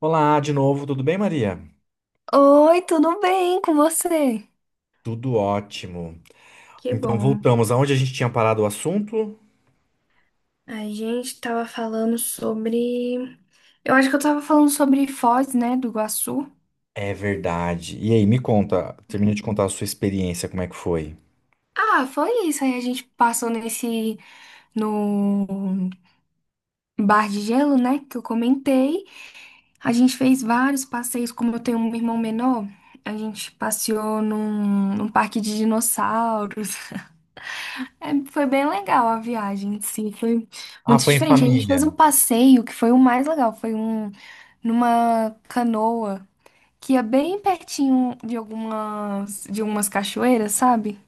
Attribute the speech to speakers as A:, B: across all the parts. A: Olá de novo, tudo bem, Maria?
B: Oi, tudo bem com você?
A: Tudo ótimo.
B: Que
A: Então
B: bom.
A: voltamos aonde a gente tinha parado o assunto?
B: A gente tava falando sobre. Eu acho que eu tava falando sobre Foz, né, do Iguaçu.
A: É verdade. E aí, me conta, termina de contar a sua experiência, como é que foi?
B: Ah, foi isso. Aí a gente passou nesse. No bar de gelo, né, que eu comentei. A gente fez vários passeios, como eu tenho um irmão menor. A gente passeou num parque de dinossauros. É, foi bem legal a viagem em si, foi
A: Ah,
B: muito
A: foi em
B: diferente. A gente fez
A: família.
B: um passeio que foi o mais legal, foi um numa canoa que ia bem pertinho de algumas de umas cachoeiras, sabe?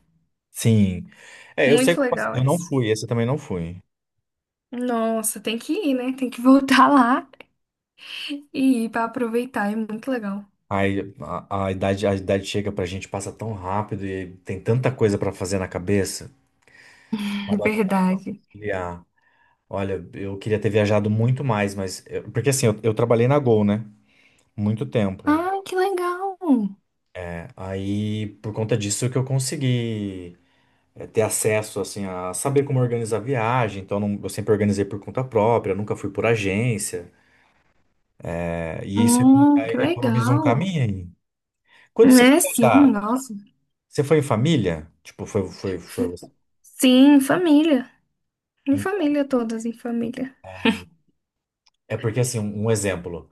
A: Sim. É, eu sei
B: Muito
A: como assim,
B: legal
A: eu não
B: essa.
A: fui, esse eu também não fui.
B: Nossa, tem que ir, né? Tem que voltar lá e ir para aproveitar, é muito legal.
A: Aí a idade chega pra gente, passa tão rápido e tem tanta coisa pra fazer na cabeça. Acaba não
B: Verdade.
A: criar. Olha, eu queria ter viajado muito mais, mas porque assim, eu trabalhei na Gol, né? Muito tempo.
B: Ah, que legal.
A: É, aí, por conta disso que eu consegui, ter acesso, assim, a saber como organizar a viagem. Então, eu sempre organizei por conta própria, nunca fui por agência. É, e isso
B: Ah, que
A: economiza um
B: legal.
A: caminho aí. Quando você foi
B: É, sim,
A: viajar,
B: nossa.
A: você foi em família? Tipo, foi você?
B: Sim, família. Em
A: Então,
B: família, todas em família.
A: é porque, assim, um exemplo.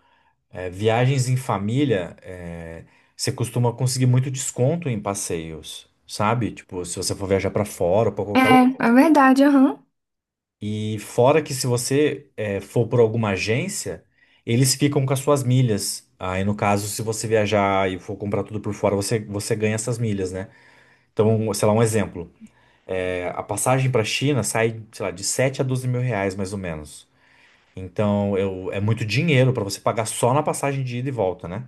A: Viagens em família, você costuma conseguir muito desconto em passeios, sabe? Tipo, se você for viajar para fora ou para qualquer.
B: É, é verdade, aham.
A: E fora que se você for por alguma agência, eles ficam com as suas milhas. Aí, no caso, se você viajar e for comprar tudo por fora, você ganha essas milhas, né? Então, sei lá, um exemplo. A passagem para a China sai, sei lá, de 7 a 12 mil reais, mais ou menos. Então, é muito dinheiro para você pagar só na passagem de ida e volta, né?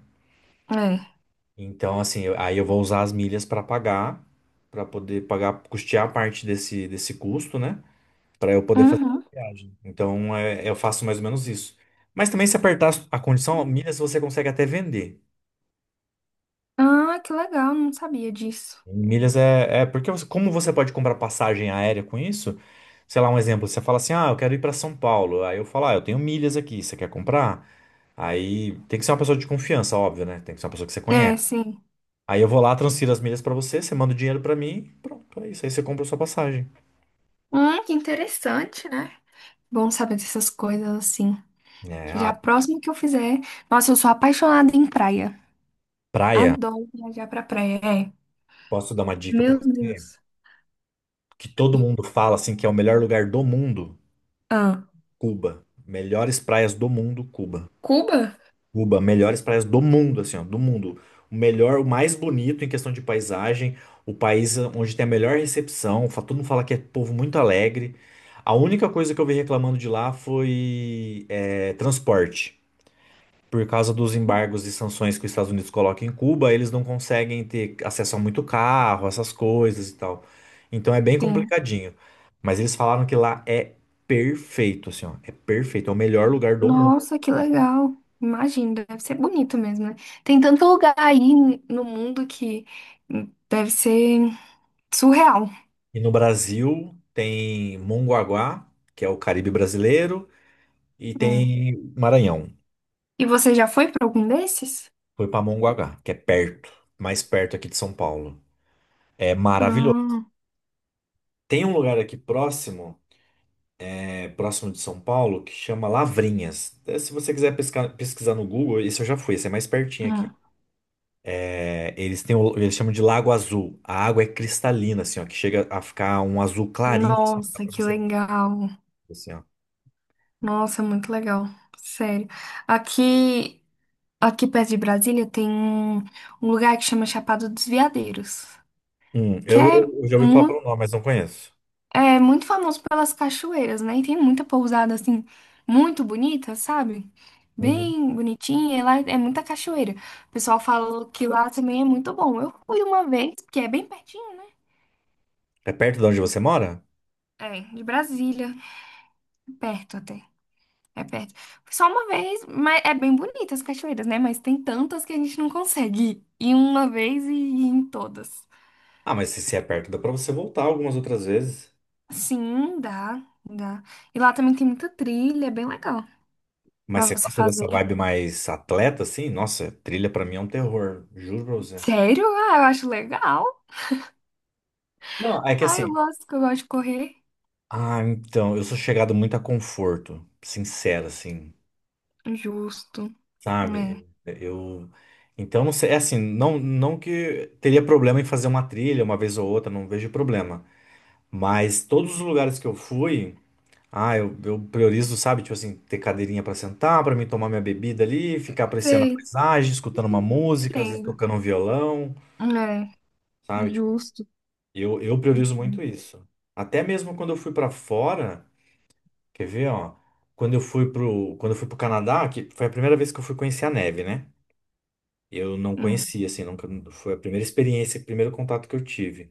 B: É.
A: Então, assim, aí eu vou usar as milhas para pagar, para poder pagar, custear parte desse, desse custo, né? Para eu poder fazer
B: Uhum.
A: a viagem. Então, é, eu faço mais ou menos isso. Mas também, se apertar a condição, milhas você consegue até vender.
B: Ah, que legal, não sabia disso.
A: Milhas é, é porque como você pode comprar passagem aérea com isso? Sei lá, um exemplo, você fala assim: "Ah, eu quero ir para São Paulo". Aí eu falo: "Ah, eu tenho milhas aqui, você quer comprar?". Aí tem que ser uma pessoa de confiança, óbvio, né? Tem que ser uma pessoa que você
B: É,
A: conhece.
B: sim.
A: Aí eu vou lá, transfiro as milhas para você, você manda o dinheiro para mim, pronto, é isso. Aí você compra a sua passagem.
B: Que interessante, né? Bom saber dessas coisas assim.
A: É,
B: Que
A: ah,
B: já próximo que eu fizer. Nossa, eu sou apaixonada em praia.
A: praia,
B: Adoro viajar pra praia. É.
A: posso dar uma dica para
B: Meu
A: você?
B: Deus.
A: Que todo mundo fala assim que é o melhor lugar do mundo.
B: Ah,
A: Cuba. Melhores praias do mundo, Cuba.
B: Cuba?
A: Cuba, melhores praias do mundo, assim, ó, do mundo. O melhor, o mais bonito em questão de paisagem, o país onde tem a melhor recepção, todo mundo fala que é povo muito alegre. A única coisa que eu vi reclamando de lá foi, transporte, por causa dos embargos e sanções que os Estados Unidos colocam em Cuba, eles não conseguem ter acesso a muito carro, essas coisas e tal. Então é bem
B: Sim.
A: complicadinho. Mas eles falaram que lá é perfeito, assim, ó, é perfeito, é o melhor lugar do mundo.
B: Nossa, que legal. Imagina, deve ser bonito mesmo, né? Tem tanto lugar aí no mundo que deve ser surreal.
A: E no Brasil tem Mongaguá, que é o Caribe brasileiro, e tem Maranhão.
B: E você já foi para algum desses?
A: Foi para Mongaguá, que é perto, mais perto aqui de São Paulo. É maravilhoso.
B: Ah,
A: Tem um lugar aqui próximo, próximo de São Paulo, que chama Lavrinhas. É, se você quiser pesquisar no Google, isso eu já fui, esse é mais pertinho aqui.
B: hum.
A: É, eles chamam de Lago Azul. A água é cristalina, assim, ó, que chega a ficar um azul clarinho, assim, dá
B: Nossa,
A: pra
B: que
A: você
B: legal.
A: assim, ó.
B: Nossa, muito legal. Sério. Aqui, aqui perto de Brasília tem um, um lugar que chama Chapada dos Veadeiros,
A: Hum,
B: que
A: eu, eu já ouvi falar
B: muito,
A: pelo nome, mas não conheço.
B: é muito famoso pelas cachoeiras, né? E tem muita pousada assim, muito bonita, sabe?
A: Uhum.
B: Bem bonitinha, e lá é muita cachoeira. O pessoal fala que lá também é muito bom. Eu fui uma vez, porque é bem pertinho, né?
A: É perto de onde você mora?
B: É, de Brasília, perto até. É perto. Só uma vez, mas é bem bonita as cachoeiras, né? Mas tem tantas que a gente não consegue ir uma vez e ir em todas.
A: Ah, mas se é perto, dá pra você voltar algumas outras vezes.
B: Sim, dá, dá. E lá também tem muita trilha, é bem legal
A: Mas
B: pra
A: você
B: você
A: gosta
B: fazer.
A: dessa vibe mais atleta, assim? Nossa, trilha pra mim é um terror, juro pra você.
B: Sério? Ah, eu acho legal.
A: Não, é que
B: Ah, eu
A: assim,
B: gosto, que eu gosto de correr.
A: ah, então, eu sou chegado muito a conforto, sincero, assim,
B: Justo.
A: sabe?
B: É.
A: Então, não sei, é assim, não, não que teria problema em fazer uma trilha uma vez ou outra, não vejo problema. Mas todos os lugares que eu fui, ah, eu priorizo, sabe? Tipo assim, ter cadeirinha pra sentar, pra mim tomar minha bebida ali, ficar apreciando a
B: Sei,
A: paisagem, escutando uma música, às vezes
B: entendo.
A: tocando um violão,
B: É,
A: sabe? Tipo,
B: justo.
A: eu priorizo muito
B: Hum,
A: isso. Até mesmo quando eu fui pra fora. Quer ver, ó? Quando eu fui pro Canadá, que foi a primeira vez que eu fui conhecer a neve, né? Eu não
B: hum.
A: conhecia, assim, nunca, foi a primeira experiência, o primeiro contato que eu tive.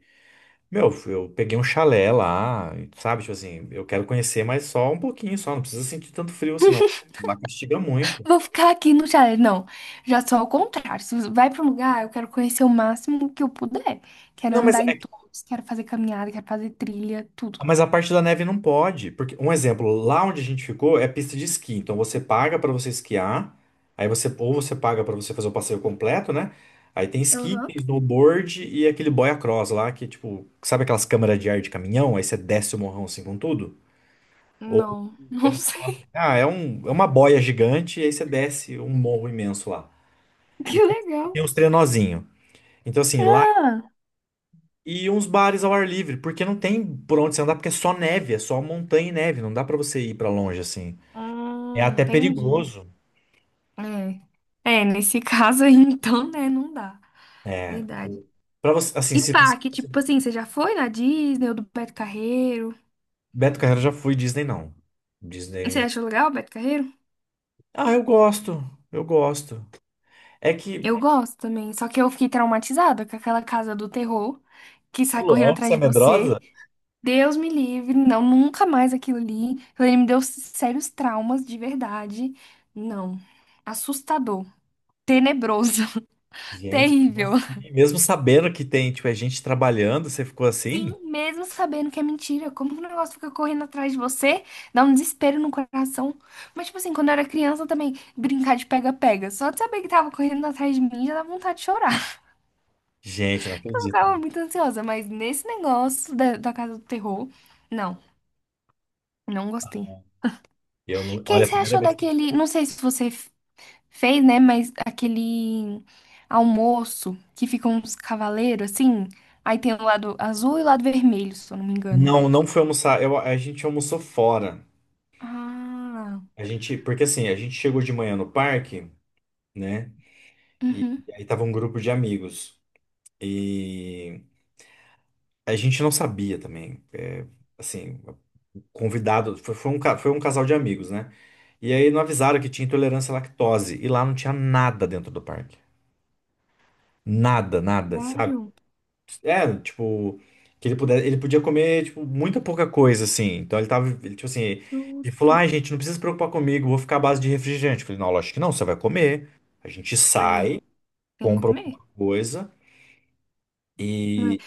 A: Meu, eu peguei um chalé lá, sabe? Tipo assim, eu quero conhecer, mas só um pouquinho, só. Não precisa sentir tanto frio, assim, não. Lá castiga muito.
B: Vou ficar aqui no chalé. Não, já sou ao contrário. Se você vai para um lugar, eu quero conhecer o máximo que eu puder. Quero
A: Não, mas
B: andar em
A: é
B: todos, quero fazer caminhada, quero fazer trilha, tudo.
A: Ah, Mas a parte da neve não pode, porque um exemplo, lá onde a gente ficou é pista de esqui, então você paga para você esquiar, aí você ou você paga para você fazer o passeio completo, né? Aí tem esqui,
B: Aham.
A: tem snowboard e aquele boia cross lá que tipo, sabe aquelas câmeras de ar de caminhão, aí você desce o morrão assim com tudo? Ou
B: Não, não
A: eles falam,
B: sei.
A: ah, é um, é uma boia gigante e aí você desce um morro imenso lá.
B: Que
A: E
B: legal.
A: tem os trenozinho. Então assim, lá.
B: Ah,
A: E uns bares ao ar livre, porque não tem por onde você andar, porque é só neve, é só montanha e neve, não dá pra você ir pra longe assim. É
B: hum,
A: até
B: entendi.
A: perigoso.
B: É. É, nesse caso aí, então, né, não dá.
A: É,
B: Verdade.
A: para você, assim,
B: E
A: se você.
B: parque, tipo assim, você já foi na Disney ou do Beto Carreiro?
A: Beto Carreiro já fui, Disney não.
B: Você
A: Disney.
B: achou legal o Beto Carreiro?
A: Ah, eu gosto. Eu gosto. É que.
B: Eu gosto também, só que eu fiquei traumatizada com aquela casa do terror que
A: Ô,
B: sai correndo
A: louco, você
B: atrás
A: é
B: de você.
A: medrosa?
B: Deus me livre, não, nunca mais aquilo ali. Aquilo ali me deu sérios traumas de verdade. Não, assustador, tenebroso,
A: Gente, como
B: terrível.
A: assim? Mesmo sabendo que tem, tipo, é gente trabalhando, você ficou assim?
B: Sim, mesmo sabendo que é mentira, como que o negócio fica correndo atrás de você? Dá um desespero no coração. Mas, tipo assim, quando eu era criança também, brincar de pega-pega. Só de saber que tava correndo atrás de mim já dá vontade de chorar.
A: Gente, não
B: Eu
A: acredito.
B: ficava muito ansiosa, mas nesse negócio da Casa do Terror, não, não gostei. O
A: Eu não,
B: que
A: olha, a
B: você
A: primeira
B: achou
A: vez que eu...
B: daquele, não sei se você fez, né, mas aquele almoço que fica uns cavaleiros assim, aí tem o lado azul e o lado vermelho, se eu não me engano.
A: Não, não foi almoçar. Eu, a gente almoçou fora.
B: Ah,
A: A gente, porque assim, a gente chegou de manhã no parque, né? E,
B: uhum.
A: e aí tava um grupo de amigos. E a gente não sabia também. Assim, o convidado, foi um casal de amigos, né? E aí não avisaram que tinha intolerância à lactose. E lá não tinha nada dentro do parque. Nada, nada.
B: Sério?
A: É, tipo, ele podia comer, tipo, muita pouca coisa, assim. Então ele tava, ele, tipo assim, ele falou,
B: Justo.
A: ai, gente, não precisa se preocupar comigo, vou ficar à base de refrigerante. Eu falei, não, lógico que não, você vai comer. A gente
B: É,
A: sai,
B: tem que
A: compra alguma
B: comer,
A: coisa
B: não é?
A: e,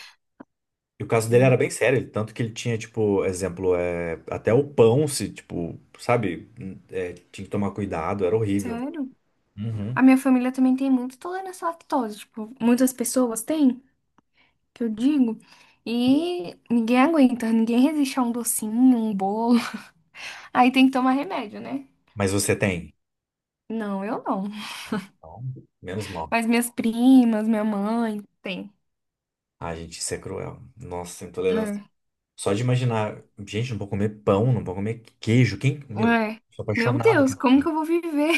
A: e o caso dele era
B: Hum.
A: bem sério, tanto que ele tinha, tipo, exemplo, é, até o pão, se, tipo, sabe, tinha que tomar cuidado, era horrível.
B: Sério?
A: Uhum.
B: A minha família também tem muita intolerância à lactose, tipo, muitas pessoas têm. Que eu digo. E ninguém aguenta, ninguém resiste a um docinho, um bolo. Aí tem que tomar remédio, né?
A: Mas você tem?
B: Não, eu não.
A: Então, menos mal.
B: Mas minhas primas, minha mãe, tem.
A: A gente, isso é cruel. Nossa, intolerância.
B: É,
A: Só de imaginar, gente, não vou comer pão, não vou comer queijo. Quem, meu,
B: é.
A: sou
B: Meu
A: apaixonado
B: Deus,
A: por
B: como que
A: queijo.
B: eu vou viver?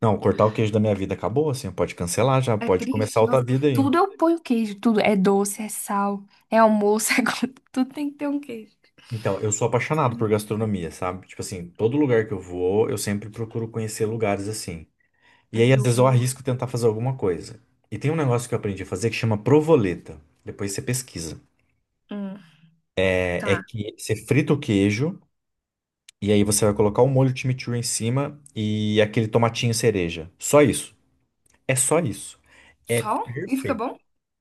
A: Não, cortar o queijo da minha vida acabou, assim, pode cancelar já,
B: É
A: pode começar
B: triste.
A: outra
B: Nossa,
A: vida aí.
B: tudo eu ponho queijo, tudo. É doce, é sal, é almoço, é... co- tudo tem que ter um queijo.
A: Então, eu sou apaixonado por
B: Sério.
A: gastronomia, sabe? Tipo assim, todo lugar que eu vou, eu sempre procuro conhecer lugares assim. E aí, às
B: Ju...
A: vezes, eu arrisco tentar fazer alguma coisa. E tem um negócio que eu aprendi a fazer que chama provoleta. Depois você pesquisa.
B: Hum,
A: É
B: tá.
A: que você frita o queijo e aí você vai colocar o molho chimichurri em cima e aquele tomatinho cereja. Só isso. É só isso. É
B: Só? E fica
A: perfeito.
B: bom?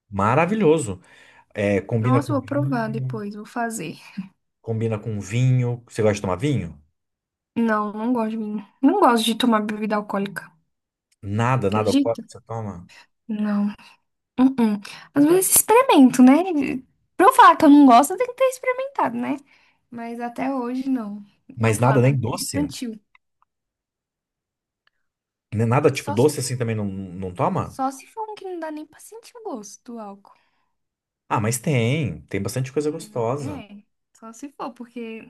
A: Maravilhoso. É, combina
B: Nossa, eu
A: com
B: vou provar
A: vinho,
B: depois, vou fazer.
A: combina com vinho. Você gosta de tomar vinho?
B: Não, não gosto de mim. Não gosto de tomar bebida alcoólica.
A: Nada, nada alcoólico
B: Acredito?
A: você toma?
B: Não. Uh-uh. Às vezes experimento, né? Pra eu falar que eu não gosto, eu tenho que ter experimentado, né? Mas até hoje não. Meu
A: Mas nada
B: paladar
A: nem
B: é muito
A: doce?
B: infantil.
A: Nem nada tipo
B: Só se,
A: doce assim também não, não toma?
B: só se for um que não dá nem pra sentir o gosto do álcool.
A: Ah, mas tem. Tem bastante coisa gostosa.
B: É, só se for, porque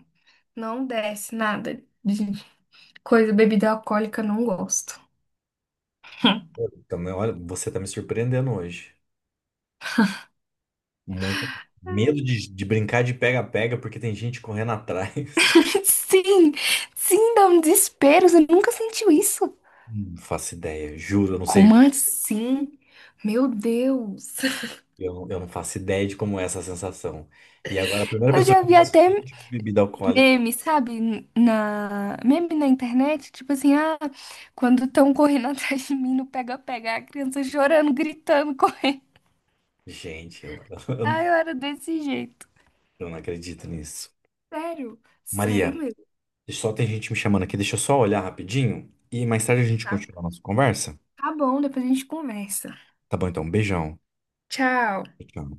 B: não desce nada de coisa, bebida alcoólica, não gosto.
A: Pô, também, olha, você tá me surpreendendo hoje. Muito. Medo de brincar de pega-pega porque tem gente correndo atrás.
B: Sim, sim, dá um desespero. Você nunca sentiu isso?
A: Não faço ideia, juro, eu não sei.
B: Como assim? Meu Deus.
A: Eu não faço ideia de como é essa sensação. E agora, a primeira
B: Eu
A: pessoa
B: já
A: que não
B: vi
A: gosta de
B: até
A: nenhum tipo de bebida alcoólica.
B: meme, sabe? Na... Meme na internet, tipo assim, ah, quando estão correndo atrás de mim não pega-pega, a criança chorando, gritando, correndo.
A: Gente,
B: Ah,
A: eu,
B: eu era desse jeito.
A: eu não acredito nisso.
B: Sério, sério
A: Maria,
B: mesmo.
A: só tem gente me chamando aqui. Deixa eu só olhar rapidinho e mais tarde a gente
B: Tá,
A: continua a nossa conversa.
B: tá bom, depois a gente conversa.
A: Tá bom, então. Um beijão.
B: Tchau.
A: Tchau.